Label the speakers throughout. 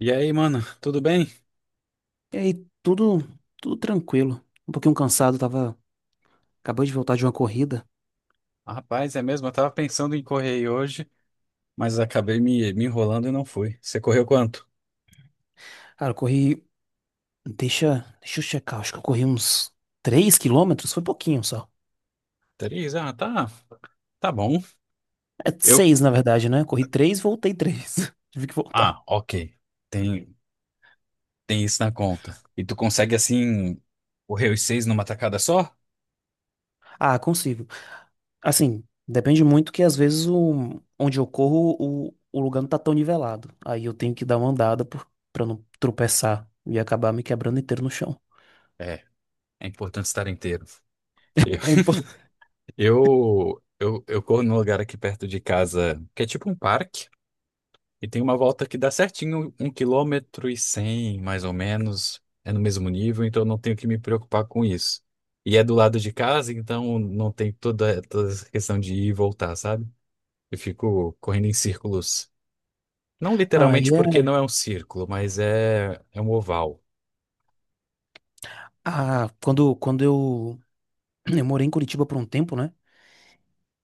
Speaker 1: E aí, mano, tudo bem?
Speaker 2: E aí, tudo, tranquilo. Um pouquinho cansado, tava. Acabei de voltar de uma corrida.
Speaker 1: Ah, rapaz, é mesmo, eu tava pensando em correr aí hoje, mas acabei me enrolando e não fui. Você correu quanto?
Speaker 2: Cara, eu corri. Deixa eu checar, acho que eu corri uns 3 quilômetros, foi pouquinho só.
Speaker 1: Três? Ah, tá, tá bom.
Speaker 2: É
Speaker 1: Eu.
Speaker 2: seis na verdade, né? Corri três, voltei três. Tive que voltar.
Speaker 1: Ah, ok. Tem, tem isso na conta. E tu consegue, assim, correr os seis numa tacada só?
Speaker 2: Ah, consigo. Assim, depende muito que às vezes onde eu corro, o lugar não tá tão nivelado. Aí eu tenho que dar uma andada pra não tropeçar e acabar me quebrando inteiro no chão.
Speaker 1: É, é importante estar inteiro. Eu,
Speaker 2: É importante.
Speaker 1: eu corro num lugar aqui perto de casa, que é tipo um parque. E tem uma volta que dá certinho, 1 km e 100, mais ou menos. É no mesmo nível, então eu não tenho que me preocupar com isso. E é do lado de casa, então não tem toda essa questão de ir e voltar, sabe? Eu fico correndo em círculos. Não
Speaker 2: Aí
Speaker 1: literalmente
Speaker 2: é.
Speaker 1: porque não é um círculo, mas é um oval.
Speaker 2: Ah, quando, quando eu morei em Curitiba por um tempo, né?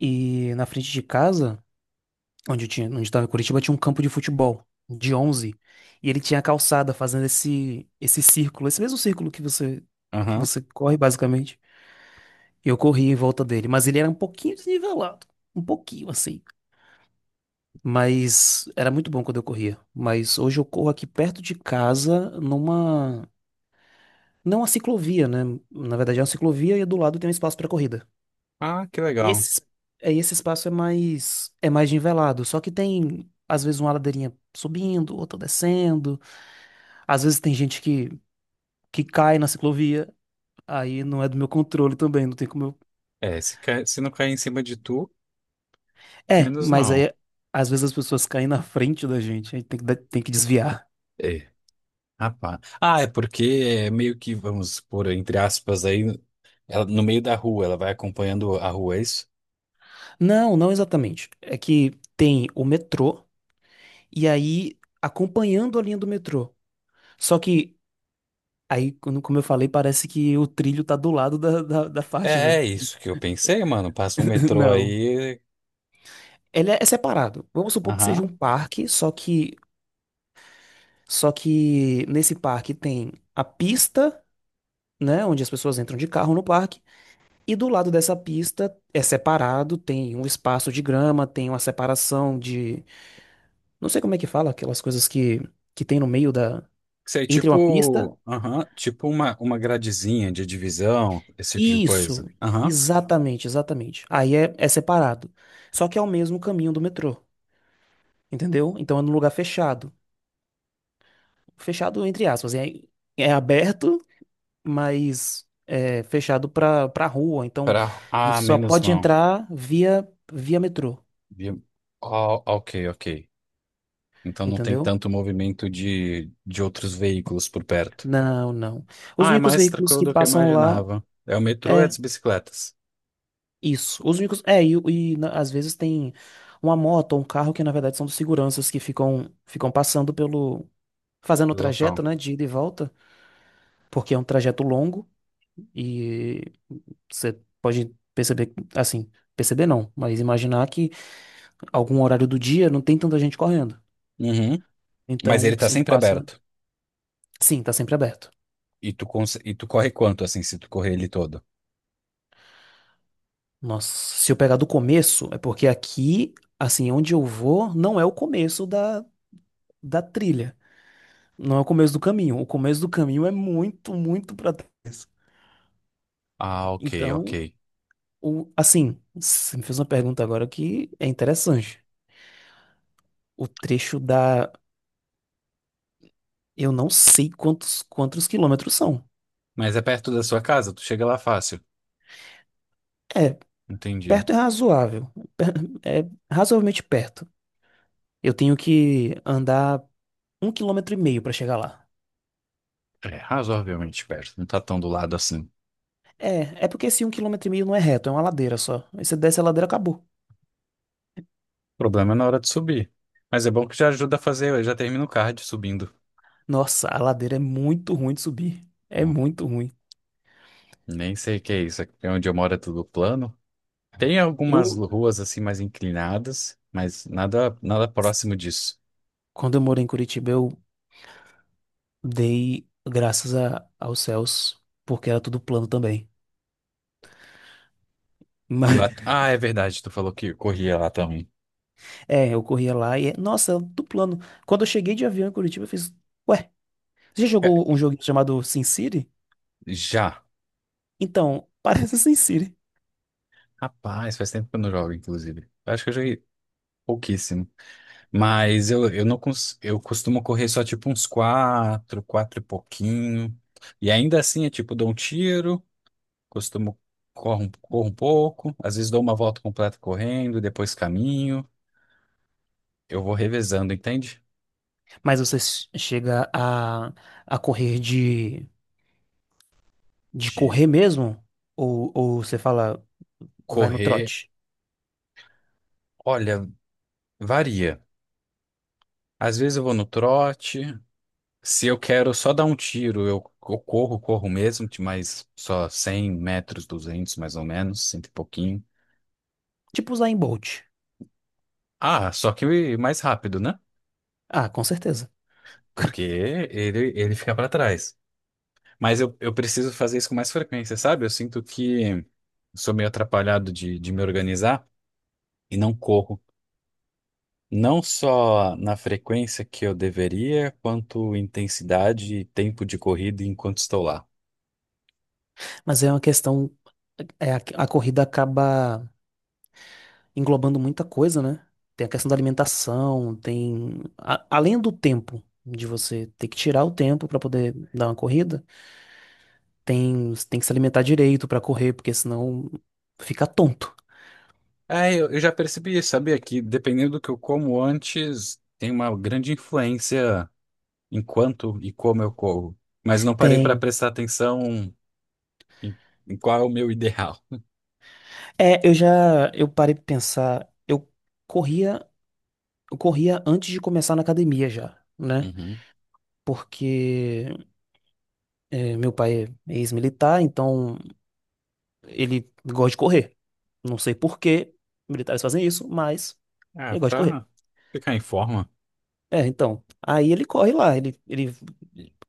Speaker 2: E na frente de casa, onde estava em Curitiba, tinha um campo de futebol de onze. E ele tinha a calçada fazendo esse círculo, esse mesmo círculo que você que
Speaker 1: Aham.
Speaker 2: você corre basicamente. E eu corri em volta dele, mas ele era um pouquinho desnivelado, um pouquinho assim. Mas era muito bom quando eu corria. Mas hoje eu corro aqui perto de casa numa não uma ciclovia, né? Na verdade é uma ciclovia e do lado tem um espaço para corrida.
Speaker 1: Ah, que
Speaker 2: E
Speaker 1: legal.
Speaker 2: esse, esse espaço é mais nivelado, só que tem às vezes uma ladeirinha subindo, outra descendo. Às vezes tem gente que cai na ciclovia, aí não é do meu controle também, não tem como eu.
Speaker 1: É, se não cair em cima de tu,
Speaker 2: É,
Speaker 1: menos
Speaker 2: mas
Speaker 1: mal.
Speaker 2: aí às vezes as pessoas caem na frente da gente, aí tem que desviar.
Speaker 1: É. Rapaz. Ah, é porque é meio que, vamos por entre aspas, aí, ela, no meio da rua, ela vai acompanhando a rua, é isso?
Speaker 2: Não, não exatamente. É que tem o metrô e aí acompanhando a linha do metrô. Só que aí, como eu falei, parece que o trilho tá do lado da, da faixa,
Speaker 1: É,
Speaker 2: né?
Speaker 1: é isso que eu pensei, mano. Passa um metrô
Speaker 2: Não.
Speaker 1: aí.
Speaker 2: Ele é separado. Vamos supor que seja
Speaker 1: Aham.
Speaker 2: um parque, só que nesse parque tem a pista, né, onde as pessoas entram de carro no parque, e do lado dessa pista é separado, tem um espaço de grama, tem uma separação de, não sei como é que fala, aquelas coisas que tem no meio da
Speaker 1: Sei,
Speaker 2: entre uma pista.
Speaker 1: tipo. Aham. Tipo uma gradezinha de divisão, esse tipo de
Speaker 2: Isso,
Speaker 1: coisa. Aham.
Speaker 2: exatamente, exatamente. Aí é separado. Só que é o mesmo caminho do metrô, entendeu? Então é num lugar fechado. Fechado entre aspas, é aberto, mais é fechado para rua. Então,
Speaker 1: Pra... Ah,
Speaker 2: você só
Speaker 1: menos
Speaker 2: pode
Speaker 1: mal.
Speaker 2: entrar via metrô,
Speaker 1: Vi- Ó, ok, ok. Então não tem
Speaker 2: entendeu?
Speaker 1: tanto movimento de outros veículos por perto.
Speaker 2: Não, não. Os
Speaker 1: Ah, é
Speaker 2: únicos
Speaker 1: mais
Speaker 2: veículos
Speaker 1: tranquilo
Speaker 2: que
Speaker 1: do que eu
Speaker 2: passam lá
Speaker 1: imaginava. É o metrô e
Speaker 2: é
Speaker 1: as bicicletas
Speaker 2: isso. Os únicos às vezes tem uma moto ou um carro que na verdade são dos seguranças que ficam passando pelo fazendo o
Speaker 1: do
Speaker 2: trajeto,
Speaker 1: local.
Speaker 2: né, de ida e volta, porque é um trajeto longo e você pode perceber, assim, perceber não, mas imaginar que algum horário do dia não tem tanta gente correndo.
Speaker 1: Uhum. Mas
Speaker 2: Então,
Speaker 1: ele tá
Speaker 2: sempre
Speaker 1: sempre
Speaker 2: passa.
Speaker 1: aberto.
Speaker 2: Sim, tá sempre aberto.
Speaker 1: E tu, corre quanto, assim, se tu correr ele todo?
Speaker 2: Nossa, se eu pegar do começo, é porque aqui, assim, onde eu vou, não é o começo da trilha. Não é o começo do caminho. O começo do caminho é muito, muito pra trás.
Speaker 1: Ah, ok, ok.
Speaker 2: Então, assim, você me fez uma pergunta agora que é interessante. O trecho da. Eu não sei quantos quilômetros são.
Speaker 1: Mas é perto da sua casa, tu chega lá fácil.
Speaker 2: É,
Speaker 1: Entendi.
Speaker 2: perto é razoável. Per- É razoavelmente perto. Eu tenho que andar um quilômetro e meio pra chegar lá.
Speaker 1: É razoavelmente perto, não tá tão do lado assim. O
Speaker 2: É porque esse um quilômetro e meio não é reto, é uma ladeira só. Aí você desce a ladeira, acabou.
Speaker 1: problema é na hora de subir. Mas é bom que já ajuda a fazer, eu já termino o cardio subindo.
Speaker 2: Nossa, a ladeira é muito ruim de subir. É
Speaker 1: Bom,
Speaker 2: muito ruim.
Speaker 1: nem sei o que é isso, aqui onde eu moro é tudo plano. Tem algumas
Speaker 2: Eu,
Speaker 1: ruas assim mais inclinadas, mas nada, nada próximo disso.
Speaker 2: quando eu morei em Curitiba, eu dei graças aos céus, porque era tudo plano também.
Speaker 1: E lá,
Speaker 2: Mas,
Speaker 1: ah, é verdade, tu falou que corria lá também.
Speaker 2: eu corria lá e, nossa, era tudo plano. Quando eu cheguei de avião em Curitiba, eu fiz, ué, você já
Speaker 1: É,
Speaker 2: jogou um jogo chamado SimCity?
Speaker 1: já.
Speaker 2: Então, parece SimCity.
Speaker 1: Rapaz, faz tempo que eu não jogo, inclusive. Eu acho que eu joguei pouquíssimo. Mas eu não cons... eu costumo correr só tipo uns quatro, quatro e pouquinho. E ainda assim, é tipo dou um tiro, costumo corro, corro um pouco, às vezes dou uma volta completa correndo, depois caminho. Eu vou revezando, entende?
Speaker 2: Mas você chega a correr de,
Speaker 1: De
Speaker 2: correr mesmo? Ou, você fala. Vai no
Speaker 1: correr,
Speaker 2: trote.
Speaker 1: olha, varia. Às vezes eu vou no trote. Se eu quero só dar um tiro, eu corro, corro mesmo, de mais só 100 metros, 200 mais ou menos, cento e pouquinho.
Speaker 2: Tipo usar em Bolt.
Speaker 1: Ah, só que mais rápido, né?
Speaker 2: Ah, com certeza.
Speaker 1: Porque ele fica pra trás. Mas eu preciso fazer isso com mais frequência, sabe? Eu sinto que sou meio atrapalhado de me organizar e não corro. Não só na frequência que eu deveria, quanto intensidade e tempo de corrida enquanto estou lá.
Speaker 2: Mas é uma questão. É, a corrida acaba englobando muita coisa, né? Tem a questão da alimentação, além do tempo, de você ter que tirar o tempo pra poder dar uma corrida, tem que se alimentar direito pra correr, porque senão fica tonto.
Speaker 1: É, eu já percebi, sabia, que dependendo do que eu como antes, tem uma grande influência em quanto e como eu como. Mas não parei para
Speaker 2: Tem.
Speaker 1: prestar atenção em, em qual é o meu ideal.
Speaker 2: É, eu parei pra pensar. Eu corria, eu corria antes de começar na academia já, né?
Speaker 1: Uhum.
Speaker 2: Porque meu pai é ex-militar, então ele gosta de correr. Não sei por que militares fazem isso, mas
Speaker 1: É,
Speaker 2: ele gosta de correr.
Speaker 1: pra ficar em forma.
Speaker 2: É, então, aí ele corre lá, ele,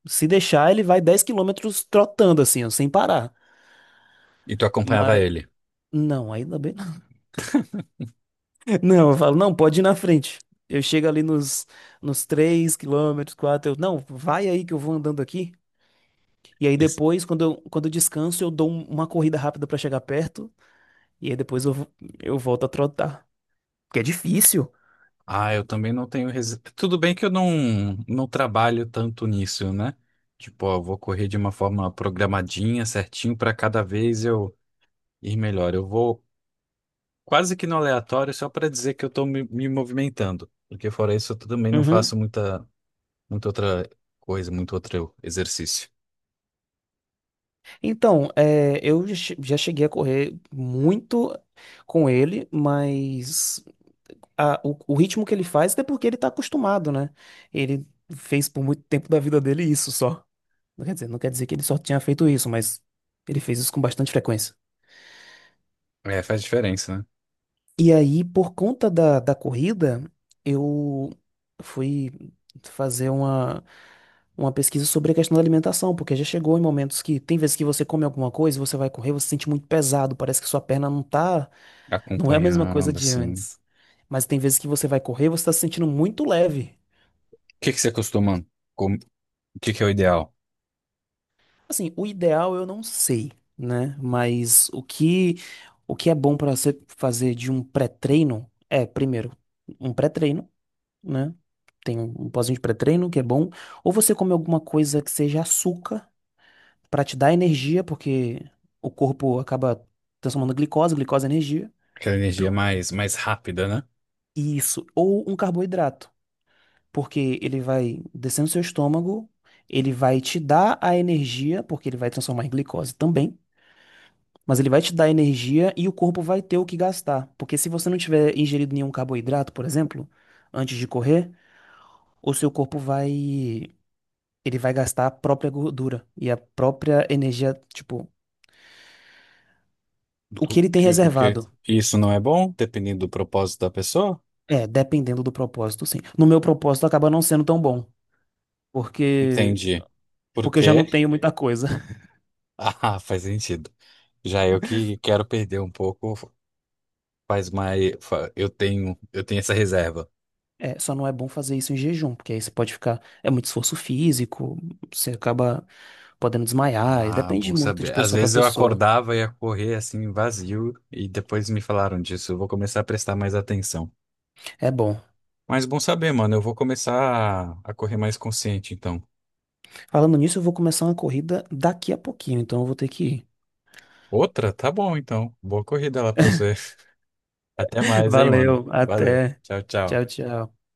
Speaker 2: se deixar, ele vai 10 quilômetros trotando assim, ó, sem parar.
Speaker 1: E tu acompanhava
Speaker 2: Mas,
Speaker 1: ele.
Speaker 2: não, ainda bem. Não, eu falo, não, pode ir na frente. Eu chego ali nos 3 quilômetros, 4. Eu, não, vai aí que eu vou andando aqui. E aí
Speaker 1: Isso.
Speaker 2: depois, quando eu descanso, eu dou uma corrida rápida pra chegar perto. E aí depois eu volto a trotar. Porque é difícil.
Speaker 1: Ah, eu também não tenho. Resi... Tudo bem que eu não trabalho tanto nisso, né? Tipo, ó, vou correr de uma forma programadinha, certinho, para cada vez eu ir melhor. Eu vou. Quase que no aleatório, só para dizer que eu estou me movimentando, porque fora isso eu também não faço
Speaker 2: Uhum.
Speaker 1: muita, muita outra coisa, muito outro exercício.
Speaker 2: Então, eu já cheguei a correr muito com ele, mas o, ritmo que ele faz é porque ele tá acostumado, né? Ele fez por muito tempo da vida dele isso só. Não quer dizer que ele só tinha feito isso, mas ele fez isso com bastante frequência.
Speaker 1: É, faz diferença, né?
Speaker 2: E aí, por conta da corrida, eu fui fazer uma pesquisa sobre a questão da alimentação, porque já chegou em momentos que tem vezes que você come alguma coisa, você vai correr, você se sente muito pesado, parece que sua perna não é a mesma coisa
Speaker 1: Acompanhando,
Speaker 2: de
Speaker 1: assim. O
Speaker 2: antes. Mas tem vezes que você vai correr, você tá se sentindo muito leve.
Speaker 1: que que você costuma? com- O que que é o ideal?
Speaker 2: Assim, o ideal eu não sei, né? Mas o que é bom para você fazer de um pré-treino é, primeiro, um pré-treino, né? Tem um pozinho de pré-treino que é bom, ou você come alguma coisa que seja açúcar para te dar energia, porque o corpo acaba transformando glicose, glicose é energia.
Speaker 1: Aquela energia mais rápida, né?
Speaker 2: Isso, ou um carboidrato, porque ele vai descendo seu estômago, ele vai te dar a energia, porque ele vai transformar em glicose também. Mas ele vai te dar energia e o corpo vai ter o que gastar. Porque se você não tiver ingerido nenhum carboidrato, por exemplo, antes de correr, o seu corpo vai. Ele vai gastar a própria gordura e a própria energia, tipo, o que ele tem
Speaker 1: O que
Speaker 2: reservado.
Speaker 1: isso não é bom, dependendo do propósito da pessoa?
Speaker 2: É, dependendo do propósito, sim. No meu propósito acaba não sendo tão bom, porque
Speaker 1: Entendi. Por
Speaker 2: porque eu já
Speaker 1: quê?
Speaker 2: não tenho muita coisa.
Speaker 1: Ah, faz sentido. Já eu que quero perder um pouco, faz mais. Eu tenho essa reserva.
Speaker 2: É, só não é bom fazer isso em jejum, porque aí você pode ficar, é muito esforço físico, você acaba podendo desmaiar, e
Speaker 1: Ah,
Speaker 2: depende
Speaker 1: bom
Speaker 2: muito de
Speaker 1: saber. Às
Speaker 2: pessoa pra
Speaker 1: vezes eu
Speaker 2: pessoa.
Speaker 1: acordava e ia correr assim vazio e depois me falaram disso. Eu vou começar a prestar mais atenção.
Speaker 2: É bom.
Speaker 1: Mas bom saber, mano. Eu vou começar a correr mais consciente, então.
Speaker 2: Falando nisso, eu vou começar uma corrida daqui a pouquinho, então eu vou ter que ir.
Speaker 1: Outra? Tá bom, então. Boa corrida lá pra você. Até mais, hein, mano.
Speaker 2: Valeu,
Speaker 1: Valeu.
Speaker 2: até.
Speaker 1: Tchau, tchau.
Speaker 2: Tchau, tchau.